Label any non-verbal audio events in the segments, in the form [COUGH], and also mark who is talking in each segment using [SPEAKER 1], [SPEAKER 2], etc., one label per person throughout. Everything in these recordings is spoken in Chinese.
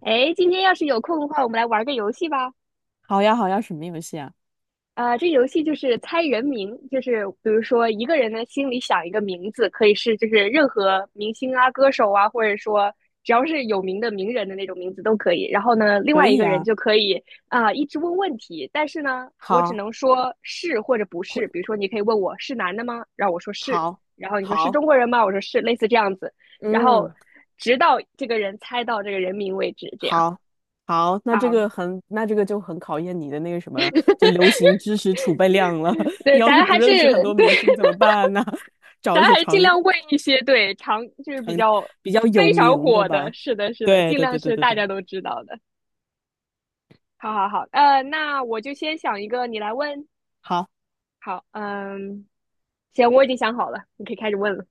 [SPEAKER 1] 哎，今天要是有空的话，我们来玩个游戏吧。
[SPEAKER 2] 好呀，好呀，什么游戏啊？
[SPEAKER 1] 这游戏就是猜人名，就是比如说一个人呢心里想一个名字，可以是就是任何明星啊、歌手啊，或者说只要是有名的名人的那种名字都可以。然后呢，另
[SPEAKER 2] 可
[SPEAKER 1] 外一
[SPEAKER 2] 以
[SPEAKER 1] 个人
[SPEAKER 2] 呀，
[SPEAKER 1] 就可以一直问问题，但是呢，我只
[SPEAKER 2] 好，
[SPEAKER 1] 能说是或者不
[SPEAKER 2] 或
[SPEAKER 1] 是。比如说，你可以问我是男的吗？然后我说是，
[SPEAKER 2] 好，
[SPEAKER 1] 然后你说是
[SPEAKER 2] 好，
[SPEAKER 1] 中国人吗？我说是，类似这样子，然后
[SPEAKER 2] 嗯，
[SPEAKER 1] 直到这个人猜到这个人名为止，这样。
[SPEAKER 2] 好，好，
[SPEAKER 1] 啊，
[SPEAKER 2] 那这个就很考验你的那个什么，就流行知识储备量了。[LAUGHS]
[SPEAKER 1] 对，
[SPEAKER 2] 要是
[SPEAKER 1] 咱
[SPEAKER 2] 不
[SPEAKER 1] 还是
[SPEAKER 2] 认识很多
[SPEAKER 1] 对，
[SPEAKER 2] 明星怎么办呢？[LAUGHS]
[SPEAKER 1] [LAUGHS]
[SPEAKER 2] 找
[SPEAKER 1] 咱
[SPEAKER 2] 一些
[SPEAKER 1] 还是尽量问一些对常就是比较
[SPEAKER 2] 比较有
[SPEAKER 1] 非常
[SPEAKER 2] 名的
[SPEAKER 1] 火的，
[SPEAKER 2] 吧。
[SPEAKER 1] 是的，是的，
[SPEAKER 2] 对，
[SPEAKER 1] 尽
[SPEAKER 2] 对，
[SPEAKER 1] 量
[SPEAKER 2] 对，对，
[SPEAKER 1] 是
[SPEAKER 2] 对，
[SPEAKER 1] 大
[SPEAKER 2] 对。
[SPEAKER 1] 家都知道的。好好好，那我就先想一个，你来问。
[SPEAKER 2] 好，
[SPEAKER 1] 好，嗯，行，我已经想好了，你可以开始问了。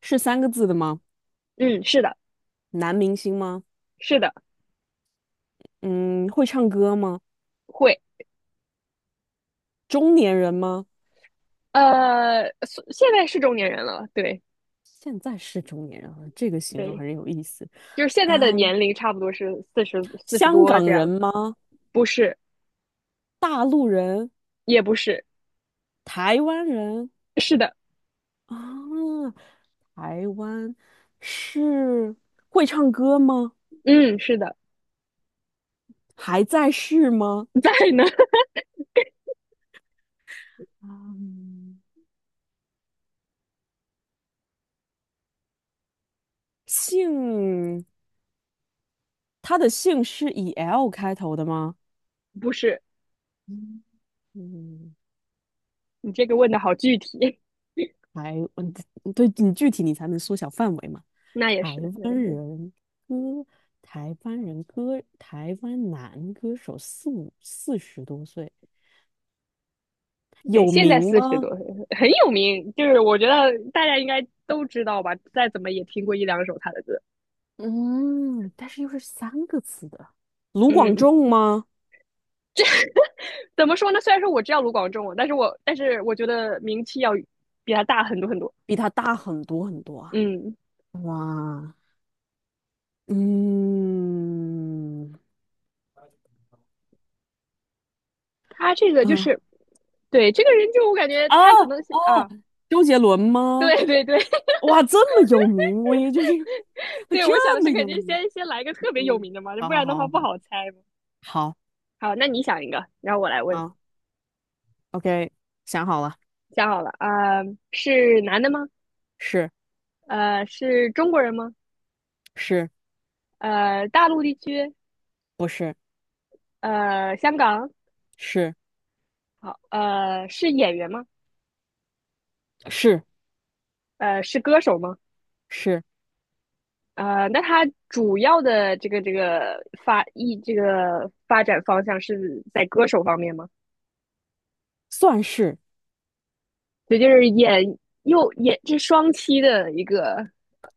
[SPEAKER 2] 是三个字的吗？
[SPEAKER 1] 嗯，是的，
[SPEAKER 2] 男明星吗？
[SPEAKER 1] 是的，
[SPEAKER 2] 嗯，会唱歌吗？
[SPEAKER 1] 会。
[SPEAKER 2] 中年人吗？
[SPEAKER 1] 现在是中年人了，对
[SPEAKER 2] 现在是中年人了，这个形容
[SPEAKER 1] 对，
[SPEAKER 2] 很有意思。
[SPEAKER 1] 就是现在的
[SPEAKER 2] 啊，
[SPEAKER 1] 年龄差不多是四十四十
[SPEAKER 2] 香
[SPEAKER 1] 多这
[SPEAKER 2] 港人
[SPEAKER 1] 样，
[SPEAKER 2] 吗？
[SPEAKER 1] 不是，
[SPEAKER 2] 大陆人、
[SPEAKER 1] 也不是，
[SPEAKER 2] 台湾人
[SPEAKER 1] 是的，
[SPEAKER 2] 啊，台湾是会唱歌吗？
[SPEAKER 1] 嗯，是的，
[SPEAKER 2] 还在世吗？
[SPEAKER 1] [LAUGHS] 在呢，
[SPEAKER 2] 嗯姓，他的姓是以 L 开头的吗？
[SPEAKER 1] [LAUGHS] 不是，
[SPEAKER 2] 嗯嗯，
[SPEAKER 1] 你这个问的好具体，
[SPEAKER 2] 台，嗯，对你具体你才能缩小范围嘛。
[SPEAKER 1] [LAUGHS] 那也
[SPEAKER 2] 台
[SPEAKER 1] 是，那也
[SPEAKER 2] 湾
[SPEAKER 1] 是，
[SPEAKER 2] 人歌，台湾男歌手四十多岁，
[SPEAKER 1] 对，
[SPEAKER 2] 有
[SPEAKER 1] 现在
[SPEAKER 2] 名
[SPEAKER 1] 四十多
[SPEAKER 2] 吗？
[SPEAKER 1] 岁很有名，就是我觉得大家应该都知道吧，再怎么也听过一两首他的歌。
[SPEAKER 2] 嗯，但是又是三个字的，卢广
[SPEAKER 1] 嗯，
[SPEAKER 2] 仲吗？
[SPEAKER 1] 怎么说呢？虽然说我知道卢广仲，但是我觉得名气要比他大很多很多。
[SPEAKER 2] 比他大很多很多啊。
[SPEAKER 1] 嗯，
[SPEAKER 2] 哇，嗯，
[SPEAKER 1] 他这个就
[SPEAKER 2] 啊，
[SPEAKER 1] 是，对这个人就我感觉
[SPEAKER 2] 啊
[SPEAKER 1] 他可能是
[SPEAKER 2] 哦，
[SPEAKER 1] 啊，
[SPEAKER 2] 周杰伦吗？
[SPEAKER 1] 对对对
[SPEAKER 2] 哇，这么有名，我也就是
[SPEAKER 1] [LAUGHS] 对，我想的
[SPEAKER 2] 这么
[SPEAKER 1] 是肯
[SPEAKER 2] 有
[SPEAKER 1] 定
[SPEAKER 2] 名。
[SPEAKER 1] 先来一个特别有
[SPEAKER 2] 嗯，
[SPEAKER 1] 名的嘛，
[SPEAKER 2] 好
[SPEAKER 1] 不
[SPEAKER 2] 好
[SPEAKER 1] 然的话
[SPEAKER 2] 好
[SPEAKER 1] 不
[SPEAKER 2] 好
[SPEAKER 1] 好猜嘛。
[SPEAKER 2] 好
[SPEAKER 1] 好，那你想一个，然后我来
[SPEAKER 2] 好
[SPEAKER 1] 问。
[SPEAKER 2] 好，OK，想好了，
[SPEAKER 1] 想好了啊，是男的吗？
[SPEAKER 2] 是
[SPEAKER 1] 是中国人吗？
[SPEAKER 2] 是
[SPEAKER 1] 大陆地区，
[SPEAKER 2] 不是
[SPEAKER 1] 香港，
[SPEAKER 2] 是
[SPEAKER 1] 好，是演员吗？
[SPEAKER 2] 是
[SPEAKER 1] 是歌手吗？
[SPEAKER 2] 是，
[SPEAKER 1] 那他主要的这个这个发艺这个发展方向是在歌手方面吗？
[SPEAKER 2] 算是
[SPEAKER 1] 对，就是又演这双栖的一个，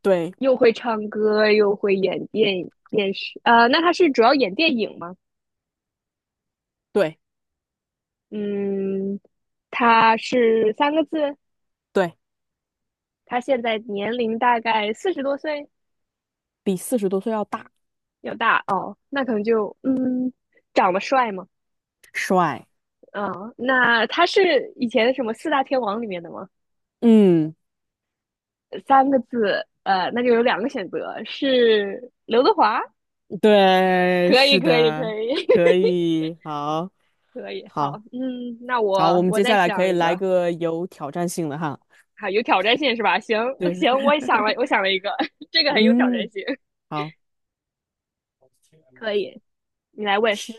[SPEAKER 2] 对
[SPEAKER 1] 又会唱歌又会演电视，那他是主要演电影吗？
[SPEAKER 2] 对
[SPEAKER 1] 嗯，他是三个字，
[SPEAKER 2] 对，
[SPEAKER 1] 他现在年龄大概四十多岁。
[SPEAKER 2] 比四十多岁要大，
[SPEAKER 1] 要大哦，那可能就长得帅嘛，
[SPEAKER 2] 帅，
[SPEAKER 1] 嗯，那他是以前什么四大天王里面的吗？
[SPEAKER 2] 嗯。
[SPEAKER 1] 三个字，那就有两个选择，是刘德华，
[SPEAKER 2] 对，
[SPEAKER 1] 可以，
[SPEAKER 2] 是
[SPEAKER 1] 可以，可
[SPEAKER 2] 的，
[SPEAKER 1] 以，
[SPEAKER 2] 可
[SPEAKER 1] [LAUGHS]
[SPEAKER 2] 以，好，
[SPEAKER 1] 可以，好，
[SPEAKER 2] 好，
[SPEAKER 1] 嗯，那
[SPEAKER 2] 好，我
[SPEAKER 1] 我
[SPEAKER 2] 们
[SPEAKER 1] 我
[SPEAKER 2] 接
[SPEAKER 1] 再
[SPEAKER 2] 下来可
[SPEAKER 1] 想
[SPEAKER 2] 以
[SPEAKER 1] 一
[SPEAKER 2] 来
[SPEAKER 1] 个，
[SPEAKER 2] 个有挑战性的哈。
[SPEAKER 1] 好，有挑战性是吧？行
[SPEAKER 2] 对，
[SPEAKER 1] 行，我也想了，我
[SPEAKER 2] [LAUGHS]
[SPEAKER 1] 想了一个，[LAUGHS] 这个很有挑战
[SPEAKER 2] 嗯，
[SPEAKER 1] 性，
[SPEAKER 2] 好，
[SPEAKER 1] 可以，你来问，
[SPEAKER 2] 是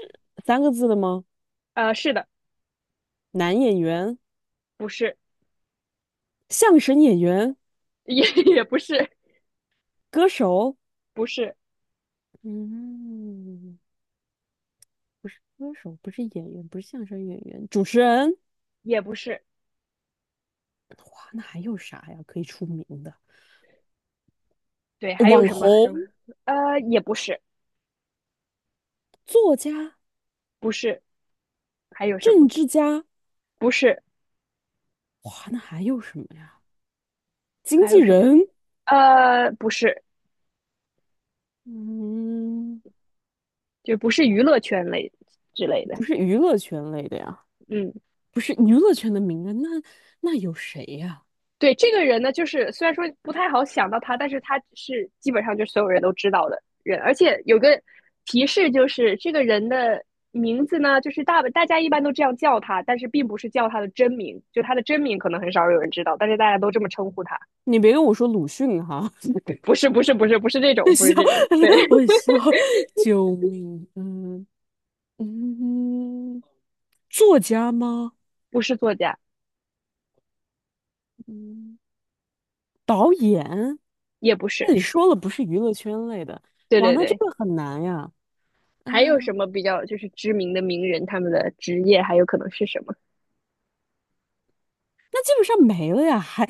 [SPEAKER 2] 三个字的吗？
[SPEAKER 1] 是的，
[SPEAKER 2] 男演员、
[SPEAKER 1] 不是，
[SPEAKER 2] 相声演员、
[SPEAKER 1] 也 [LAUGHS] 也不是，
[SPEAKER 2] 歌手，
[SPEAKER 1] 不是，
[SPEAKER 2] 嗯，不是歌手，不是演员，不是相声演员，主持人。
[SPEAKER 1] 也不是，
[SPEAKER 2] 哇，那还有啥呀？可以出名的
[SPEAKER 1] 对，还有
[SPEAKER 2] 网
[SPEAKER 1] 什么什
[SPEAKER 2] 红、
[SPEAKER 1] 么，也不是，
[SPEAKER 2] 作家、
[SPEAKER 1] 不是。还有什么？
[SPEAKER 2] 政治家。
[SPEAKER 1] 不是，
[SPEAKER 2] 哇，那还有什么呀？经
[SPEAKER 1] 还
[SPEAKER 2] 纪
[SPEAKER 1] 有什么？
[SPEAKER 2] 人。
[SPEAKER 1] 不是，
[SPEAKER 2] 嗯，
[SPEAKER 1] 就不是娱乐圈类之类的。
[SPEAKER 2] 不是娱乐圈类的呀，
[SPEAKER 1] 嗯，
[SPEAKER 2] 不是娱乐圈的名人，那有谁呀？
[SPEAKER 1] 对，这个人呢，就是虽然说不太好想到他，但是他是基本上就是所有人都知道的人，而且有个提示就是这个人的名字呢，就是大家一般都这样叫他，但是并不是叫他的真名，就他的真名可能很少有人知道，但是大家都这么称呼他。
[SPEAKER 2] 你别跟我说鲁迅哈，
[SPEAKER 1] 不是，不是，不是，不是这种，不是这种，
[SPEAKER 2] [LAUGHS] 笑，
[SPEAKER 1] 对，
[SPEAKER 2] 我笑，救命！嗯嗯，作家吗？
[SPEAKER 1] [LAUGHS] 不是作家，
[SPEAKER 2] 嗯，导演？
[SPEAKER 1] 也不
[SPEAKER 2] 那
[SPEAKER 1] 是，
[SPEAKER 2] 你说了不是娱乐圈类的，
[SPEAKER 1] 对
[SPEAKER 2] 哇，
[SPEAKER 1] 对
[SPEAKER 2] 那这
[SPEAKER 1] 对，
[SPEAKER 2] 个很难呀。
[SPEAKER 1] 还有什
[SPEAKER 2] 啊，
[SPEAKER 1] 么比较就是知名的名人，他们的职业还有可能是什么？
[SPEAKER 2] 那基本上没了呀，还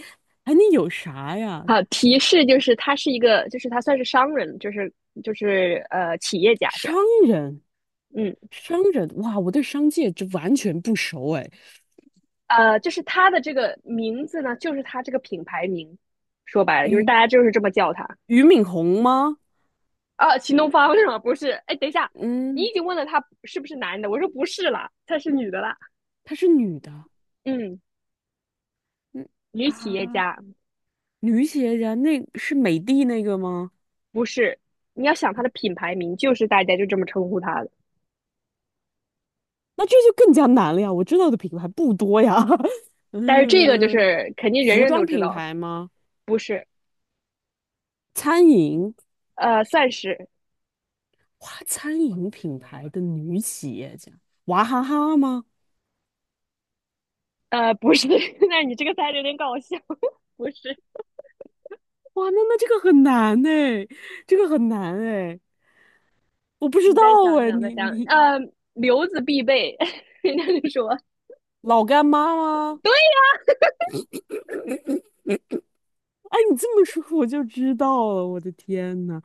[SPEAKER 2] 还能有啥呀？
[SPEAKER 1] 好，提示就是他是一个，就是他算是商人，就是企业家这
[SPEAKER 2] 商
[SPEAKER 1] 样。
[SPEAKER 2] 人，
[SPEAKER 1] 嗯，
[SPEAKER 2] 商人，哇，我对商界这完全不熟哎。
[SPEAKER 1] 就是他的这个名字呢，就是他这个品牌名，说白了就是大
[SPEAKER 2] 俞
[SPEAKER 1] 家就是这么叫他
[SPEAKER 2] 俞敏洪吗？
[SPEAKER 1] 啊。秦东方是吗？不是，哎，等一下，你
[SPEAKER 2] 嗯，
[SPEAKER 1] 已经问了他是不是男的，我说不是啦，他是女的啦。
[SPEAKER 2] 她是女的。
[SPEAKER 1] 嗯，
[SPEAKER 2] 嗯
[SPEAKER 1] 女企业
[SPEAKER 2] 啊，
[SPEAKER 1] 家
[SPEAKER 2] 女企业家那是美的那个吗？
[SPEAKER 1] 不是。你要想他的品牌名，就是大家就这么称呼他的。
[SPEAKER 2] 那这就更加难了呀！我知道的品牌不多呀。[LAUGHS]
[SPEAKER 1] 但是这个就
[SPEAKER 2] 嗯，
[SPEAKER 1] 是肯定人
[SPEAKER 2] 服
[SPEAKER 1] 人都
[SPEAKER 2] 装
[SPEAKER 1] 知
[SPEAKER 2] 品
[SPEAKER 1] 道，
[SPEAKER 2] 牌吗？
[SPEAKER 1] 不是，
[SPEAKER 2] 餐饮，
[SPEAKER 1] 算是，
[SPEAKER 2] 哇，餐饮品牌的女企业家，娃哈哈吗？
[SPEAKER 1] 不是。[LAUGHS] 那你这个猜的有点搞笑，[LAUGHS] 不是。
[SPEAKER 2] 哇，那这个很难呢，这个很难哎，我不知
[SPEAKER 1] 你
[SPEAKER 2] 道
[SPEAKER 1] 再想
[SPEAKER 2] 哎，
[SPEAKER 1] 想，再想，留子必备。[LAUGHS] 人家就说，
[SPEAKER 2] 老干妈吗？
[SPEAKER 1] 对呀、
[SPEAKER 2] 哎，你这么说我就知道了，我的天呐，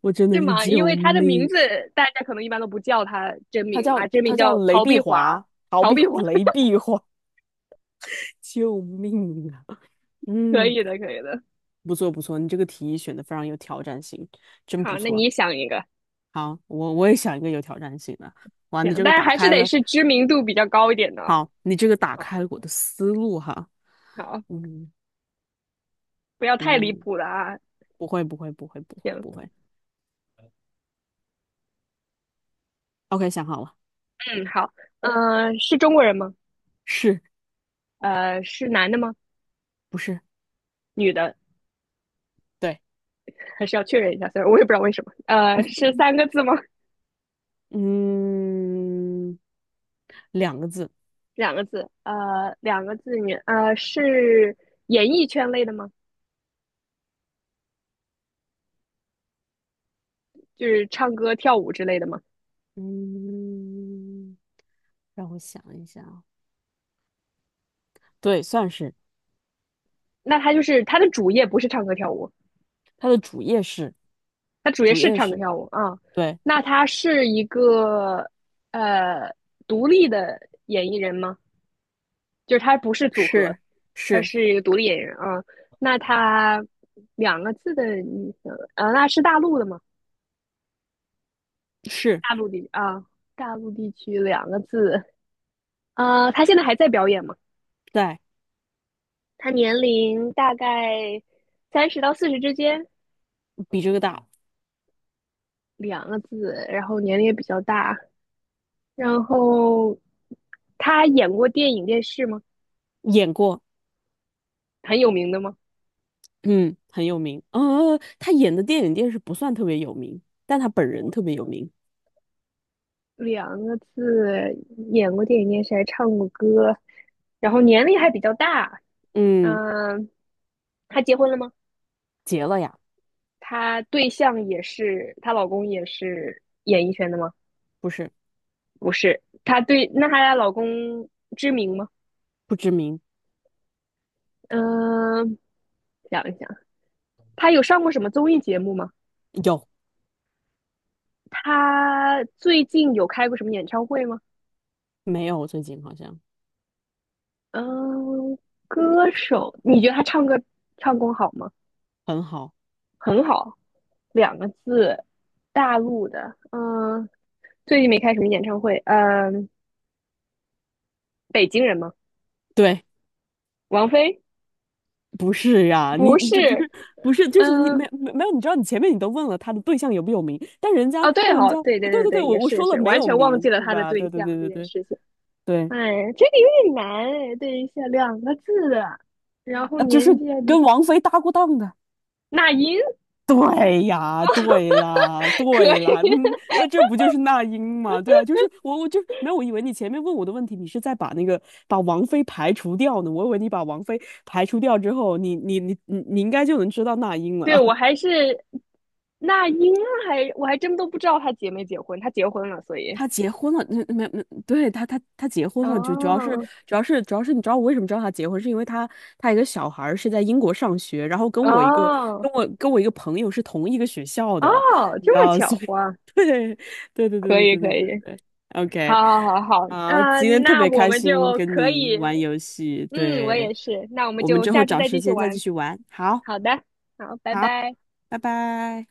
[SPEAKER 2] 我真
[SPEAKER 1] 是
[SPEAKER 2] 的是
[SPEAKER 1] 吗？因
[SPEAKER 2] 救
[SPEAKER 1] 为他的名
[SPEAKER 2] 命！
[SPEAKER 1] 字大家可能一般都不叫他真
[SPEAKER 2] 他
[SPEAKER 1] 名嘛，
[SPEAKER 2] 叫
[SPEAKER 1] 真名
[SPEAKER 2] 他叫
[SPEAKER 1] 叫
[SPEAKER 2] 雷
[SPEAKER 1] 陶
[SPEAKER 2] 碧
[SPEAKER 1] 碧华，
[SPEAKER 2] 华，
[SPEAKER 1] 陶碧华，
[SPEAKER 2] [LAUGHS] 雷碧华，[LAUGHS] 救命啊！
[SPEAKER 1] [LAUGHS] 可
[SPEAKER 2] 嗯，
[SPEAKER 1] 以的，可以的。
[SPEAKER 2] 不错不错，你这个提议选的非常有挑战性，真不
[SPEAKER 1] 好，那
[SPEAKER 2] 错。
[SPEAKER 1] 你想一个，
[SPEAKER 2] 好，我也想一个有挑战性的。哇，你
[SPEAKER 1] 行，
[SPEAKER 2] 这个
[SPEAKER 1] 但是
[SPEAKER 2] 打
[SPEAKER 1] 还是
[SPEAKER 2] 开
[SPEAKER 1] 得
[SPEAKER 2] 了，
[SPEAKER 1] 是知名度比较高一点的哦。
[SPEAKER 2] 好，你这个打
[SPEAKER 1] 好，
[SPEAKER 2] 开了我的思路哈。
[SPEAKER 1] 好，
[SPEAKER 2] 嗯
[SPEAKER 1] 不要太离
[SPEAKER 2] 嗯，
[SPEAKER 1] 谱了啊。
[SPEAKER 2] 不会不会不会不会
[SPEAKER 1] 行，
[SPEAKER 2] 不会。OK，想好了，
[SPEAKER 1] 嗯，好，嗯、是中国人吗？
[SPEAKER 2] 是
[SPEAKER 1] 是男的吗？
[SPEAKER 2] 不是？
[SPEAKER 1] 女的？
[SPEAKER 2] 对，
[SPEAKER 1] 还是要确认一下，虽然我也不知道为什么。是三个字吗？
[SPEAKER 2] 嗯，两个字。
[SPEAKER 1] [LAUGHS] 两个字？两个字女？是演艺圈类的吗？就是唱歌、跳舞之类的吗？
[SPEAKER 2] 嗯，让我想一下啊，对，算是
[SPEAKER 1] 那她就是她的主业不是唱歌跳舞，
[SPEAKER 2] 他的主业是
[SPEAKER 1] 她主业
[SPEAKER 2] 主
[SPEAKER 1] 是
[SPEAKER 2] 业
[SPEAKER 1] 唱歌
[SPEAKER 2] 是，
[SPEAKER 1] 跳舞啊。嗯
[SPEAKER 2] 对，
[SPEAKER 1] 那她是一个呃独立的演艺人吗？就是她不是组合，
[SPEAKER 2] 是
[SPEAKER 1] 她
[SPEAKER 2] 是
[SPEAKER 1] 是一个独立演员啊。嗯那她两个字的女生，那是大陆的吗？
[SPEAKER 2] 是
[SPEAKER 1] 大陆的啊。大陆地区两个字，他现在还在表演吗？
[SPEAKER 2] 在
[SPEAKER 1] 他年龄大概30到40之间，
[SPEAKER 2] 比这个大，
[SPEAKER 1] 两个字，然后年龄也比较大。然后他演过电影、电视吗？
[SPEAKER 2] 演过，
[SPEAKER 1] 很有名的吗？
[SPEAKER 2] 嗯，很有名。嗯嗯他演的电影电视不算特别有名，但他本人特别有名。
[SPEAKER 1] 两个字，演过电影、电视，还唱过歌，然后年龄还比较大。
[SPEAKER 2] 嗯，
[SPEAKER 1] 嗯、他结婚了吗？
[SPEAKER 2] 结了呀，
[SPEAKER 1] 他对象也是，她老公也是演艺圈的吗？
[SPEAKER 2] 不是
[SPEAKER 1] 不是，她对，那她老公知名吗？
[SPEAKER 2] 不知名，
[SPEAKER 1] 嗯、想一想。他有上过什么综艺节目吗？
[SPEAKER 2] 有
[SPEAKER 1] 他最近有开过什么演唱会吗？
[SPEAKER 2] 没有？最近好像
[SPEAKER 1] 嗯，歌手，你觉得他唱歌唱功好吗？
[SPEAKER 2] 很好，
[SPEAKER 1] 很好，两个字，大陆的。嗯，最近没开什么演唱会。嗯，北京人吗？
[SPEAKER 2] 对。
[SPEAKER 1] 王菲？
[SPEAKER 2] 不是呀、你
[SPEAKER 1] 不
[SPEAKER 2] 你这不
[SPEAKER 1] 是。
[SPEAKER 2] 是不是，就是你
[SPEAKER 1] 嗯，
[SPEAKER 2] 没有，你知道你前面你都问了他的对象有没有名，但人家
[SPEAKER 1] 哦，对
[SPEAKER 2] 那人
[SPEAKER 1] 哦，
[SPEAKER 2] 家，
[SPEAKER 1] 对对
[SPEAKER 2] 对
[SPEAKER 1] 对
[SPEAKER 2] 对对，
[SPEAKER 1] 对，
[SPEAKER 2] 我
[SPEAKER 1] 也
[SPEAKER 2] 我
[SPEAKER 1] 是也
[SPEAKER 2] 说了
[SPEAKER 1] 是，
[SPEAKER 2] 没
[SPEAKER 1] 完
[SPEAKER 2] 有
[SPEAKER 1] 全忘记
[SPEAKER 2] 名，
[SPEAKER 1] 了
[SPEAKER 2] 对
[SPEAKER 1] 他的
[SPEAKER 2] 吧？
[SPEAKER 1] 对
[SPEAKER 2] 对对
[SPEAKER 1] 象
[SPEAKER 2] 对
[SPEAKER 1] 这
[SPEAKER 2] 对
[SPEAKER 1] 件
[SPEAKER 2] 对
[SPEAKER 1] 事情。
[SPEAKER 2] 对，
[SPEAKER 1] 哎，这个有点难哎，对一下两个字的然后
[SPEAKER 2] 就是
[SPEAKER 1] 年纪还
[SPEAKER 2] 跟
[SPEAKER 1] 比
[SPEAKER 2] 王菲搭过档的。
[SPEAKER 1] 那英，
[SPEAKER 2] 对呀，对啦，
[SPEAKER 1] [LAUGHS] 可
[SPEAKER 2] 对啦，嗯，
[SPEAKER 1] 以。
[SPEAKER 2] 那这不就是那英吗？对啊，就是我就没有，我以为你前面问我的问题，你是在把那个把王菲排除掉呢，我以为你把王菲排除掉之后，你应该就能知道那英
[SPEAKER 1] 对，
[SPEAKER 2] 了。
[SPEAKER 1] 我还是那英我还真都不知道她结没结婚，她结婚了，所以
[SPEAKER 2] 他结婚了，那没没，对他结婚了，就主要是
[SPEAKER 1] 哦
[SPEAKER 2] 主要是主要是你知道我为什么知道他结婚，是因为他一个小孩儿是在英国上学，然后
[SPEAKER 1] 哦，
[SPEAKER 2] 跟我一个朋友是同一个学校
[SPEAKER 1] 哦，
[SPEAKER 2] 的，你知
[SPEAKER 1] 这么
[SPEAKER 2] 道，所
[SPEAKER 1] 巧
[SPEAKER 2] 以
[SPEAKER 1] 哇！
[SPEAKER 2] [LAUGHS] 对对对对
[SPEAKER 1] 可
[SPEAKER 2] 对
[SPEAKER 1] 以
[SPEAKER 2] 对对
[SPEAKER 1] 可
[SPEAKER 2] 对
[SPEAKER 1] 以，
[SPEAKER 2] 对，OK，
[SPEAKER 1] 好好好好，
[SPEAKER 2] 好，
[SPEAKER 1] 啊，
[SPEAKER 2] 今天特
[SPEAKER 1] 那
[SPEAKER 2] 别
[SPEAKER 1] 我
[SPEAKER 2] 开
[SPEAKER 1] 们
[SPEAKER 2] 心
[SPEAKER 1] 就
[SPEAKER 2] 跟
[SPEAKER 1] 可
[SPEAKER 2] 你
[SPEAKER 1] 以，
[SPEAKER 2] 玩游戏，
[SPEAKER 1] 我
[SPEAKER 2] 对，
[SPEAKER 1] 也是，那我们
[SPEAKER 2] 我们
[SPEAKER 1] 就
[SPEAKER 2] 之后
[SPEAKER 1] 下次
[SPEAKER 2] 找
[SPEAKER 1] 再
[SPEAKER 2] 时
[SPEAKER 1] 继续
[SPEAKER 2] 间再继
[SPEAKER 1] 玩，
[SPEAKER 2] 续玩，好，
[SPEAKER 1] 好的，好，拜
[SPEAKER 2] 好，
[SPEAKER 1] 拜。
[SPEAKER 2] 拜拜。